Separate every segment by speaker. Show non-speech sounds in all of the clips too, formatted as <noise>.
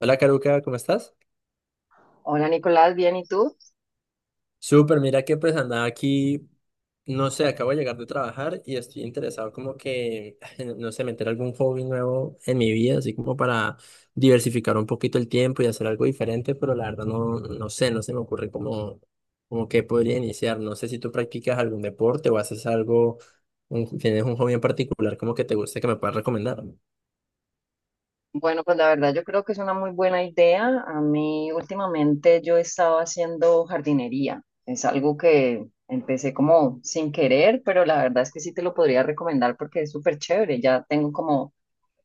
Speaker 1: Hola Caruca, ¿cómo estás?
Speaker 2: Hola Nicolás, bien, ¿y tú?
Speaker 1: Súper, mira que pues andaba aquí, no sé, acabo de llegar de trabajar y estoy interesado como que, <laughs> no sé, meter algún hobby nuevo en mi vida, así como para diversificar un poquito el tiempo y hacer algo diferente, pero la verdad no, no sé, no se me ocurre como, como que podría iniciar. No sé si tú practicas algún deporte o haces algo, tienes un hobby en particular como que te guste que me puedas recomendar.
Speaker 2: Bueno, pues la verdad yo creo que es una muy buena idea. A mí últimamente yo he estado haciendo jardinería. Es algo que empecé como sin querer, pero la verdad es que sí te lo podría recomendar porque es súper chévere. Ya tengo como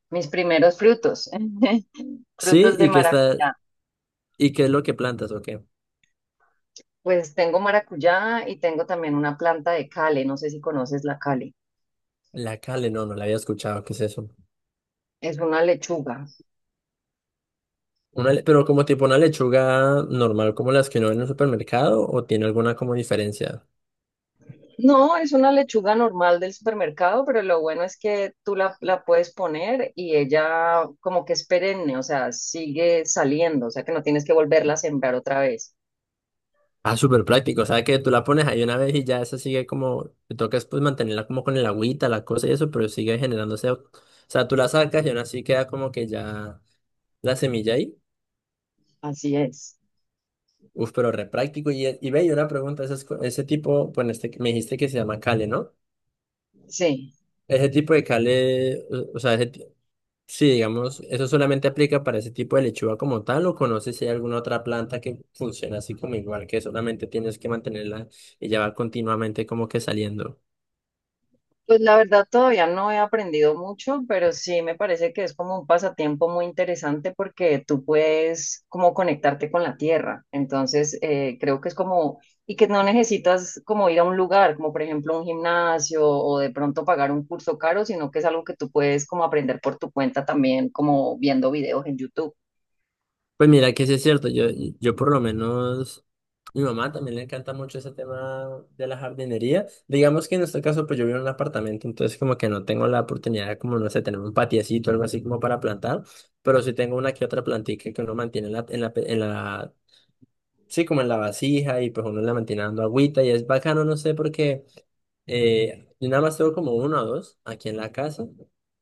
Speaker 2: mis primeros frutos, <laughs>
Speaker 1: Sí,
Speaker 2: frutos de maracuyá.
Speaker 1: y qué es lo que plantas o qué.
Speaker 2: Pues tengo maracuyá y tengo también una planta de cale. No sé si conoces la cale.
Speaker 1: La cale, no, no la había escuchado, ¿qué es eso?
Speaker 2: Es una lechuga.
Speaker 1: Pero como tipo una lechuga normal, como las que uno ve en el supermercado, o tiene alguna como diferencia.
Speaker 2: No, es una lechuga normal del supermercado, pero lo bueno es que tú la puedes poner y ella como que es perenne, o sea, sigue saliendo, o sea que no tienes que volverla a sembrar otra vez.
Speaker 1: Ah, súper práctico. O sea que tú la pones ahí una vez y ya esa sigue como, te toca es, pues mantenerla como con el agüita, la cosa y eso, pero sigue generándose. O sea, tú la sacas y aún así queda como que ya la semilla ahí.
Speaker 2: Así es.
Speaker 1: Uf, pero re práctico. Y ve, y una pregunta, ese tipo, bueno, este, que me dijiste que se llama cale, ¿no?
Speaker 2: Sí.
Speaker 1: Ese tipo de cale, o sea, ese, sí, digamos, ¿eso solamente aplica para ese tipo de lechuga como tal o conoces si hay alguna otra planta que funciona así como igual, que solamente tienes que mantenerla y ya va continuamente como que saliendo?
Speaker 2: Pues la verdad todavía no he aprendido mucho, pero sí me parece que es como un pasatiempo muy interesante porque tú puedes como conectarte con la tierra. Entonces creo que es como, y que no necesitas como ir a un lugar, como por ejemplo un gimnasio o de pronto pagar un curso caro, sino que es algo que tú puedes como aprender por tu cuenta también, como viendo videos en YouTube.
Speaker 1: Pues mira que sí es cierto, yo por lo menos, mi mamá también le encanta mucho ese tema de la jardinería. Digamos que en este caso pues yo vivo en un apartamento, entonces como que no tengo la oportunidad de como, no sé, tener un patiecito o algo así como para plantar, pero sí tengo una que otra plantica que uno mantiene en la sí, como en la vasija y pues uno le mantiene dando agüita y es bacano, no sé por qué. Eh, yo nada más tengo como uno o dos aquí en la casa,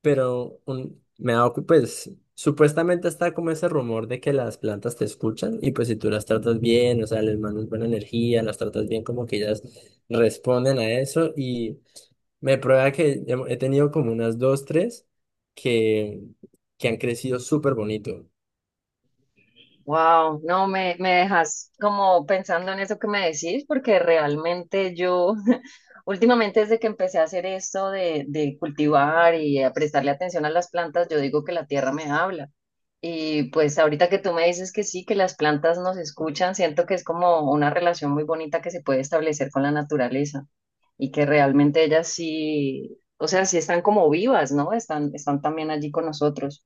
Speaker 1: pero me ha dado, pues supuestamente está como ese rumor de que las plantas te escuchan y pues si tú las tratas bien, o sea, les mandas buena energía, las tratas bien, como que ellas responden a eso y me prueba que he tenido como unas dos, tres que, que han crecido súper bonito.
Speaker 2: Wow, no me dejas como pensando en eso que me decís, porque realmente yo <laughs> últimamente desde que empecé a hacer esto de cultivar y a prestarle atención a las plantas, yo digo que la tierra me habla. Y pues ahorita que tú me dices que sí, que las plantas nos escuchan, siento que es como una relación muy bonita que se puede establecer con la naturaleza y que realmente ellas sí, o sea, sí están como vivas, ¿no? Están, están también allí con nosotros.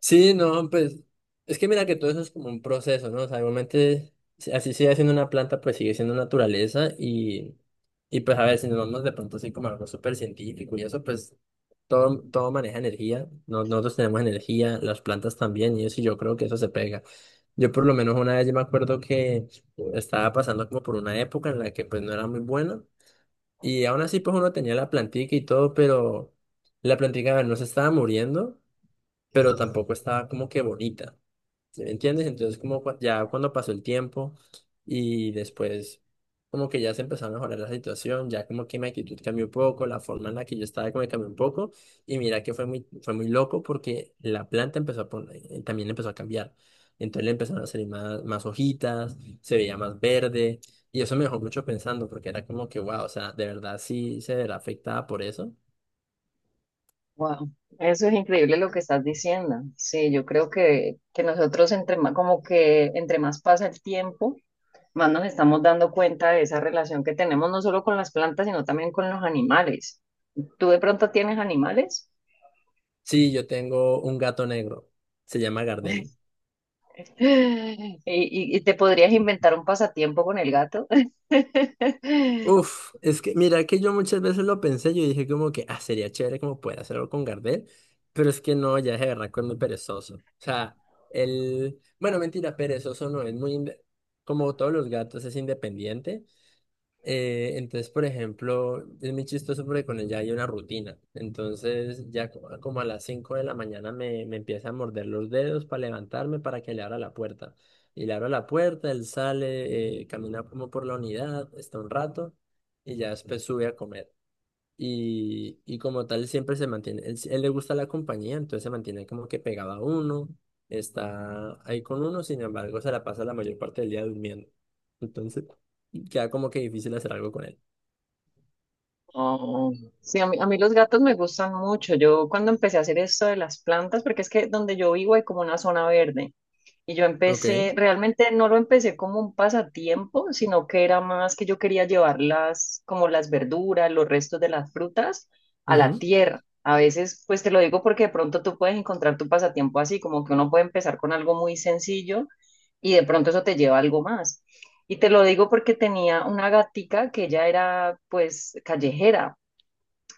Speaker 1: Sí, no, pues es que mira que todo eso es como un proceso, ¿no? O sea, igualmente, así sigue siendo una planta, pues sigue siendo naturaleza y pues a ver, si nos vamos de pronto así como a algo súper científico y eso, pues todo, todo maneja energía, nosotros tenemos energía, las plantas también y eso, y yo creo que eso se pega. Yo por lo menos una vez yo me acuerdo que estaba pasando como por una época en la que pues no era muy buena y aún así pues uno tenía la plantica y todo, pero la plantica a ver, no se estaba muriendo pero tampoco estaba como que bonita, ¿sí me entiendes? Entonces como ya cuando pasó el tiempo y después como que ya se empezó a mejorar la situación, ya como que mi actitud cambió un poco, la forma en la que yo estaba como que cambió un poco y mira que fue muy loco porque la planta empezó a poner, también empezó a cambiar. Entonces le empezaron a salir más hojitas, se veía más verde y eso me dejó mucho pensando porque era como que, wow, o sea, de verdad sí se verá afectada por eso.
Speaker 2: Wow, eso es increíble lo que estás diciendo. Sí, yo creo que nosotros entre más, como que entre más pasa el tiempo, más nos estamos dando cuenta de esa relación que tenemos no solo con las plantas, sino también con los animales. ¿Tú de pronto tienes animales?
Speaker 1: Sí, yo tengo un gato negro, se llama Gardel.
Speaker 2: <laughs> ¿Y, y te podrías inventar un pasatiempo con el gato? <laughs>
Speaker 1: Uf, es que mira que yo muchas veces lo pensé, yo dije como que, ah, sería chévere como poder hacerlo con Gardel, pero es que no, ya es de verdad que es muy perezoso. O sea, el, bueno, mentira, perezoso no, es muy, como todos los gatos, es independiente. Entonces, por ejemplo, es muy chistoso porque con él ya hay una rutina. Entonces, como a las 5 de la mañana me empieza a morder los dedos para levantarme para que le abra la puerta. Y le abro la puerta, él sale, camina como por la unidad, está un rato y ya después sube a comer y como tal siempre se mantiene, él, sí, él le gusta la compañía, entonces se mantiene como que pegado a uno, está ahí con uno, sin embargo se la pasa la mayor parte del día durmiendo. Entonces queda como que difícil hacer algo con él.
Speaker 2: Oh, sí, a mí los gatos me gustan mucho. Yo cuando empecé a hacer esto de las plantas, porque es que donde yo vivo hay como una zona verde. Y yo
Speaker 1: Ok.
Speaker 2: empecé, realmente no lo empecé como un pasatiempo, sino que era más que yo quería llevar las, como las verduras, los restos de las frutas a la
Speaker 1: Ujú.
Speaker 2: tierra. A veces, pues te lo digo porque de pronto tú puedes encontrar tu pasatiempo así, como que uno puede empezar con algo muy sencillo y de pronto eso te lleva a algo más. Y te lo digo porque tenía una gatica que ella era pues callejera,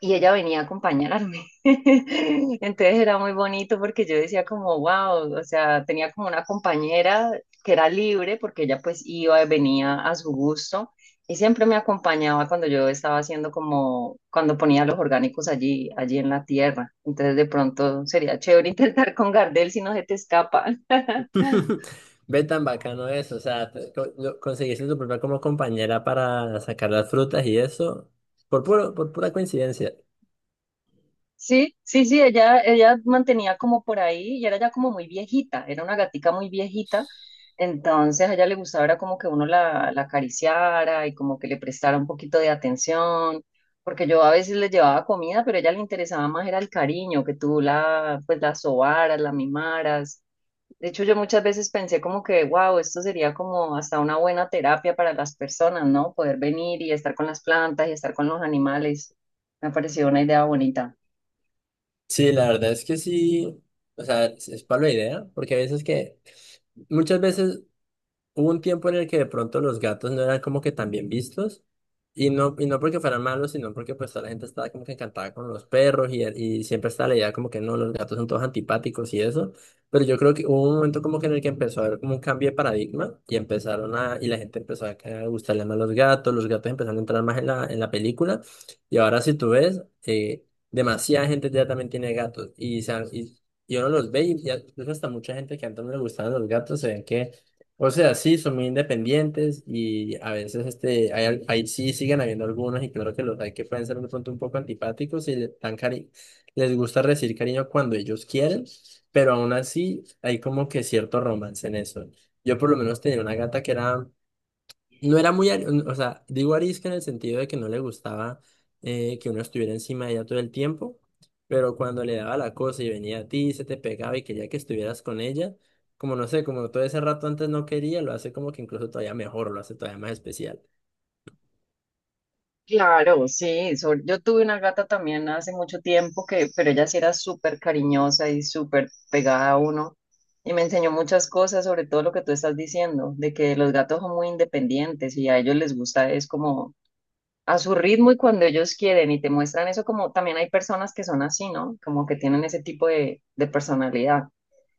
Speaker 2: y ella venía a acompañarme. <laughs> Entonces era muy bonito porque yo decía como, wow, o sea, tenía como una compañera que era libre porque ella pues iba y venía a su gusto y siempre me acompañaba cuando yo estaba haciendo como, cuando ponía los orgánicos allí en la tierra. Entonces de pronto sería chévere <laughs> intentar con Gardel si no se te escapa.
Speaker 1: <laughs> Ve tan bacano eso, o sea, conseguiste tu propia como compañera para sacar las frutas y eso, por pura coincidencia.
Speaker 2: Sí, sí, sí, ella mantenía como por ahí y era ya como muy viejita, era una gatica muy viejita, entonces a ella le gustaba era como que uno la acariciara y como que le prestara un poquito de atención, porque yo a veces le llevaba comida, pero a ella le interesaba más era el cariño, que tú la, pues la sobaras, la mimaras. De hecho, yo muchas veces pensé como que, wow, esto sería como hasta una buena terapia para las personas, ¿no? Poder venir y estar con las plantas y estar con los animales. Me pareció una idea bonita.
Speaker 1: Sí, la verdad es que sí, o sea, es para la idea, porque a veces que, muchas veces hubo un tiempo en el que de pronto los gatos no eran como que tan bien vistos. Y no porque fueran malos, sino porque pues toda la gente estaba como que encantada con los perros y siempre estaba la idea como que no, los gatos son todos antipáticos y eso. Pero yo creo que hubo un momento como que en el que empezó a haber como un cambio de paradigma y empezaron a, y la gente empezó a gustarle más los gatos empezaron a entrar más en la película. Y ahora si tú ves, demasiada gente ya también tiene gatos y, y uno los ve y ya, incluso hasta mucha gente que antes no le gustaban los gatos se ven que o sea, sí, son muy independientes y a veces este, hay, ahí sí siguen habiendo algunos y claro que los hay que pueden ser de pronto un poco antipáticos y les gusta recibir cariño cuando ellos quieren, pero aún así hay como que cierto romance en eso. Yo por lo menos tenía una gata que era no era muy, o sea, digo arisca en el sentido de que no le gustaba que uno estuviera encima de ella todo el tiempo, pero cuando le daba la cosa y venía a ti, se te pegaba y quería que estuvieras con ella, como no sé, como todo ese rato antes no quería, lo hace como que incluso todavía mejor, lo hace todavía más especial.
Speaker 2: Claro, sí. Yo tuve una gata también hace mucho tiempo que, pero ella sí era súper cariñosa y súper pegada a uno y me enseñó muchas cosas, sobre todo lo que tú estás diciendo, de que los gatos son muy independientes y a ellos les gusta es como a su ritmo y cuando ellos quieren y te muestran eso como también hay personas que son así, ¿no? Como que tienen ese tipo de personalidad,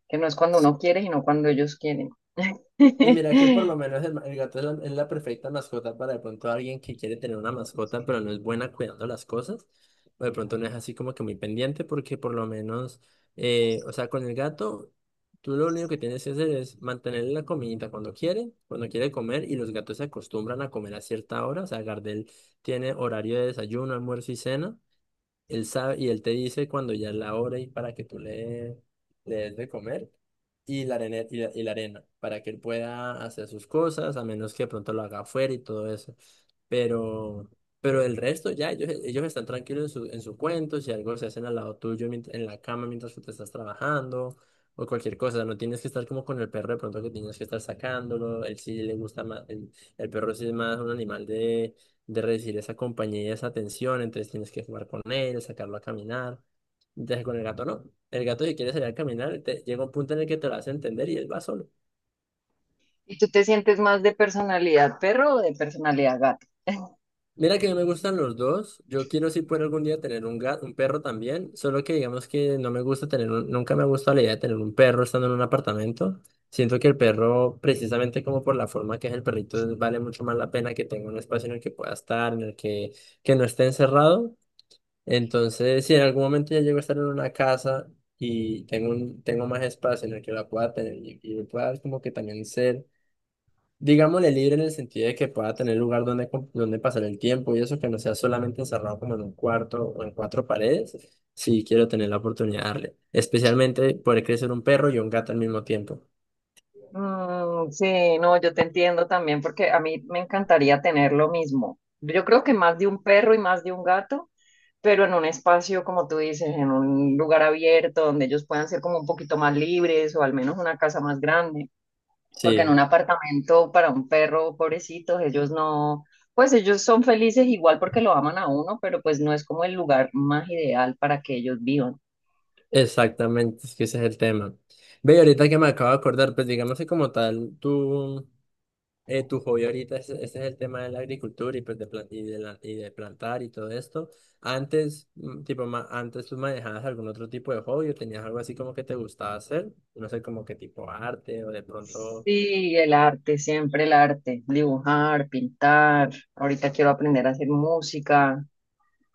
Speaker 2: que no es cuando uno quiere, sino cuando ellos quieren.
Speaker 1: Y mira que por lo
Speaker 2: <laughs>
Speaker 1: menos el gato es la perfecta mascota para de pronto alguien que quiere tener una mascota, pero no es buena cuidando las cosas, o de pronto no es así como que muy pendiente, porque por lo menos, o sea, con el gato, tú lo único que tienes que hacer es mantenerle la comidita cuando quiere comer, y los gatos se acostumbran a comer a cierta hora, o sea, Gardel tiene horario de desayuno, almuerzo y cena. Él sabe, y él te dice cuando ya es la hora y para que le des de comer y la arena, y la arena, para que él pueda hacer sus cosas, a menos que de pronto lo haga afuera y todo eso. Pero, pero el resto ya, ellos están tranquilos en su cuento, si algo se hacen al lado tuyo en la cama mientras tú te estás trabajando o cualquier cosa, no tienes que estar como con el perro de pronto que tienes que estar sacándolo, él sí le gusta más, el perro sí es más un animal de recibir esa compañía y esa atención, entonces tienes que jugar con él, sacarlo a caminar. Entonces con el gato no. El gato si quiere salir a caminar, llega un punto en el que te lo hace entender y él va solo.
Speaker 2: ¿Y tú te sientes más de personalidad perro o de personalidad gato?
Speaker 1: Mira que a mí me gustan los dos. Yo quiero si puedo algún día tener un gato, un perro también. Solo que digamos que no me gusta tener nunca me gusta la idea de tener un perro estando en un apartamento. Siento que el perro, precisamente como por la forma que es el perrito, vale mucho más la pena que tenga un espacio en el que pueda estar, en el que no esté encerrado. Entonces, si en algún momento ya llego a estar en una casa y tengo, un, tengo más espacio en el que la pueda tener y pueda como que también ser, digámosle, libre en el sentido de que pueda tener lugar donde, donde pasar el tiempo y eso que no sea solamente encerrado como en un cuarto o en cuatro paredes, sí quiero tener la oportunidad de darle. Especialmente poder crecer un perro y un gato al mismo tiempo.
Speaker 2: Mm, sí, no, yo te entiendo también porque a mí me encantaría tener lo mismo. Yo creo que más de un perro y más de un gato, pero en un espacio, como tú dices, en un lugar abierto donde ellos puedan ser como un poquito más libres o al menos una casa más grande, porque en
Speaker 1: Sí,
Speaker 2: un apartamento para un perro, pobrecitos, ellos no, pues ellos son felices igual porque lo aman a uno, pero pues no es como el lugar más ideal para que ellos vivan.
Speaker 1: exactamente, es que ese es el tema. Ve, y ahorita que me acabo de acordar, pues digamos que como tal, tú... tu hobby ahorita, ese, es el tema de la agricultura y, de plantar y todo esto. Antes, mm, tipo, antes tú manejabas algún otro tipo de hobby o tenías algo así como que te gustaba hacer, no sé, como que tipo arte o de pronto
Speaker 2: Sí, el arte, siempre el arte, dibujar, pintar. Ahorita quiero aprender a hacer música.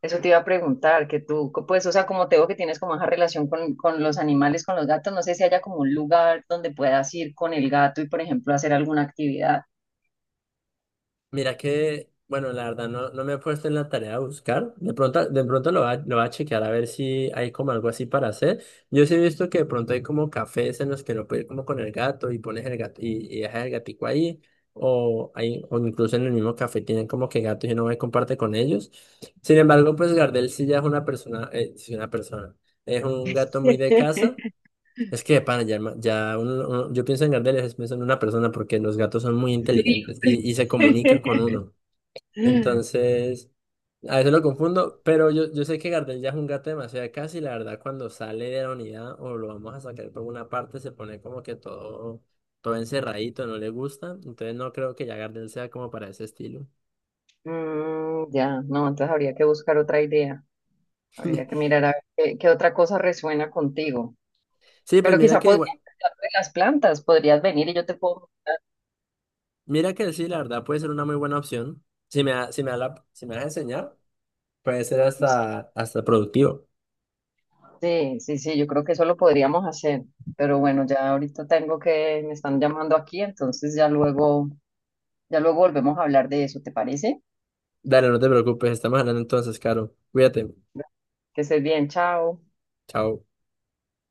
Speaker 2: Eso te iba a preguntar, que tú, pues, o sea, como te veo que tienes como esa relación con los animales, con los gatos, no sé si haya como un lugar donde puedas ir con el gato y, por ejemplo, hacer alguna actividad.
Speaker 1: mira que, bueno, la verdad no, no me he puesto en la tarea de buscar. De pronto lo va a chequear a ver si hay como algo así para hacer. Yo sí he visto que de pronto hay como cafés en los que lo puedes ir como con el gato y pones el gato y dejas el gatico ahí. O, hay, o incluso en el mismo café tienen como que gatos y uno va y comparte con ellos. Sin embargo, pues Gardel sí ya es una persona, sí, una persona, es un gato muy de
Speaker 2: <laughs>
Speaker 1: casa. Es que de pana, ya, yo pienso en Gardel y a veces pienso en una persona porque los gatos son muy
Speaker 2: Sí.
Speaker 1: inteligentes y se comunican con uno.
Speaker 2: <laughs>
Speaker 1: Entonces, a veces lo confundo, pero yo sé que Gardel ya es un gato demasiado casi y la verdad cuando sale de la unidad o lo vamos a sacar por una parte se pone como que todo, todo encerradito, no le gusta. Entonces no creo que ya Gardel sea como para ese estilo.
Speaker 2: Mm, ya, no, entonces habría que buscar otra idea. Habría que
Speaker 1: <laughs>
Speaker 2: mirar a ver qué otra cosa resuena contigo.
Speaker 1: Sí, pues
Speaker 2: Pero
Speaker 1: mira
Speaker 2: quizá
Speaker 1: que
Speaker 2: podrías
Speaker 1: igual,
Speaker 2: empezar de las plantas, podrías venir y yo te puedo mostrar.
Speaker 1: mira que sí, la verdad puede ser una muy buena opción. Si me vas a enseñar, puede ser hasta productivo.
Speaker 2: Sí, sí, sí, yo creo que eso lo podríamos hacer. Pero bueno, ya ahorita tengo que, me están llamando aquí, entonces ya luego volvemos a hablar de eso, ¿te parece?
Speaker 1: Dale, no te preocupes, estamos hablando entonces, Caro. Cuídate.
Speaker 2: Bueno, que estés bien, chao.
Speaker 1: Chao.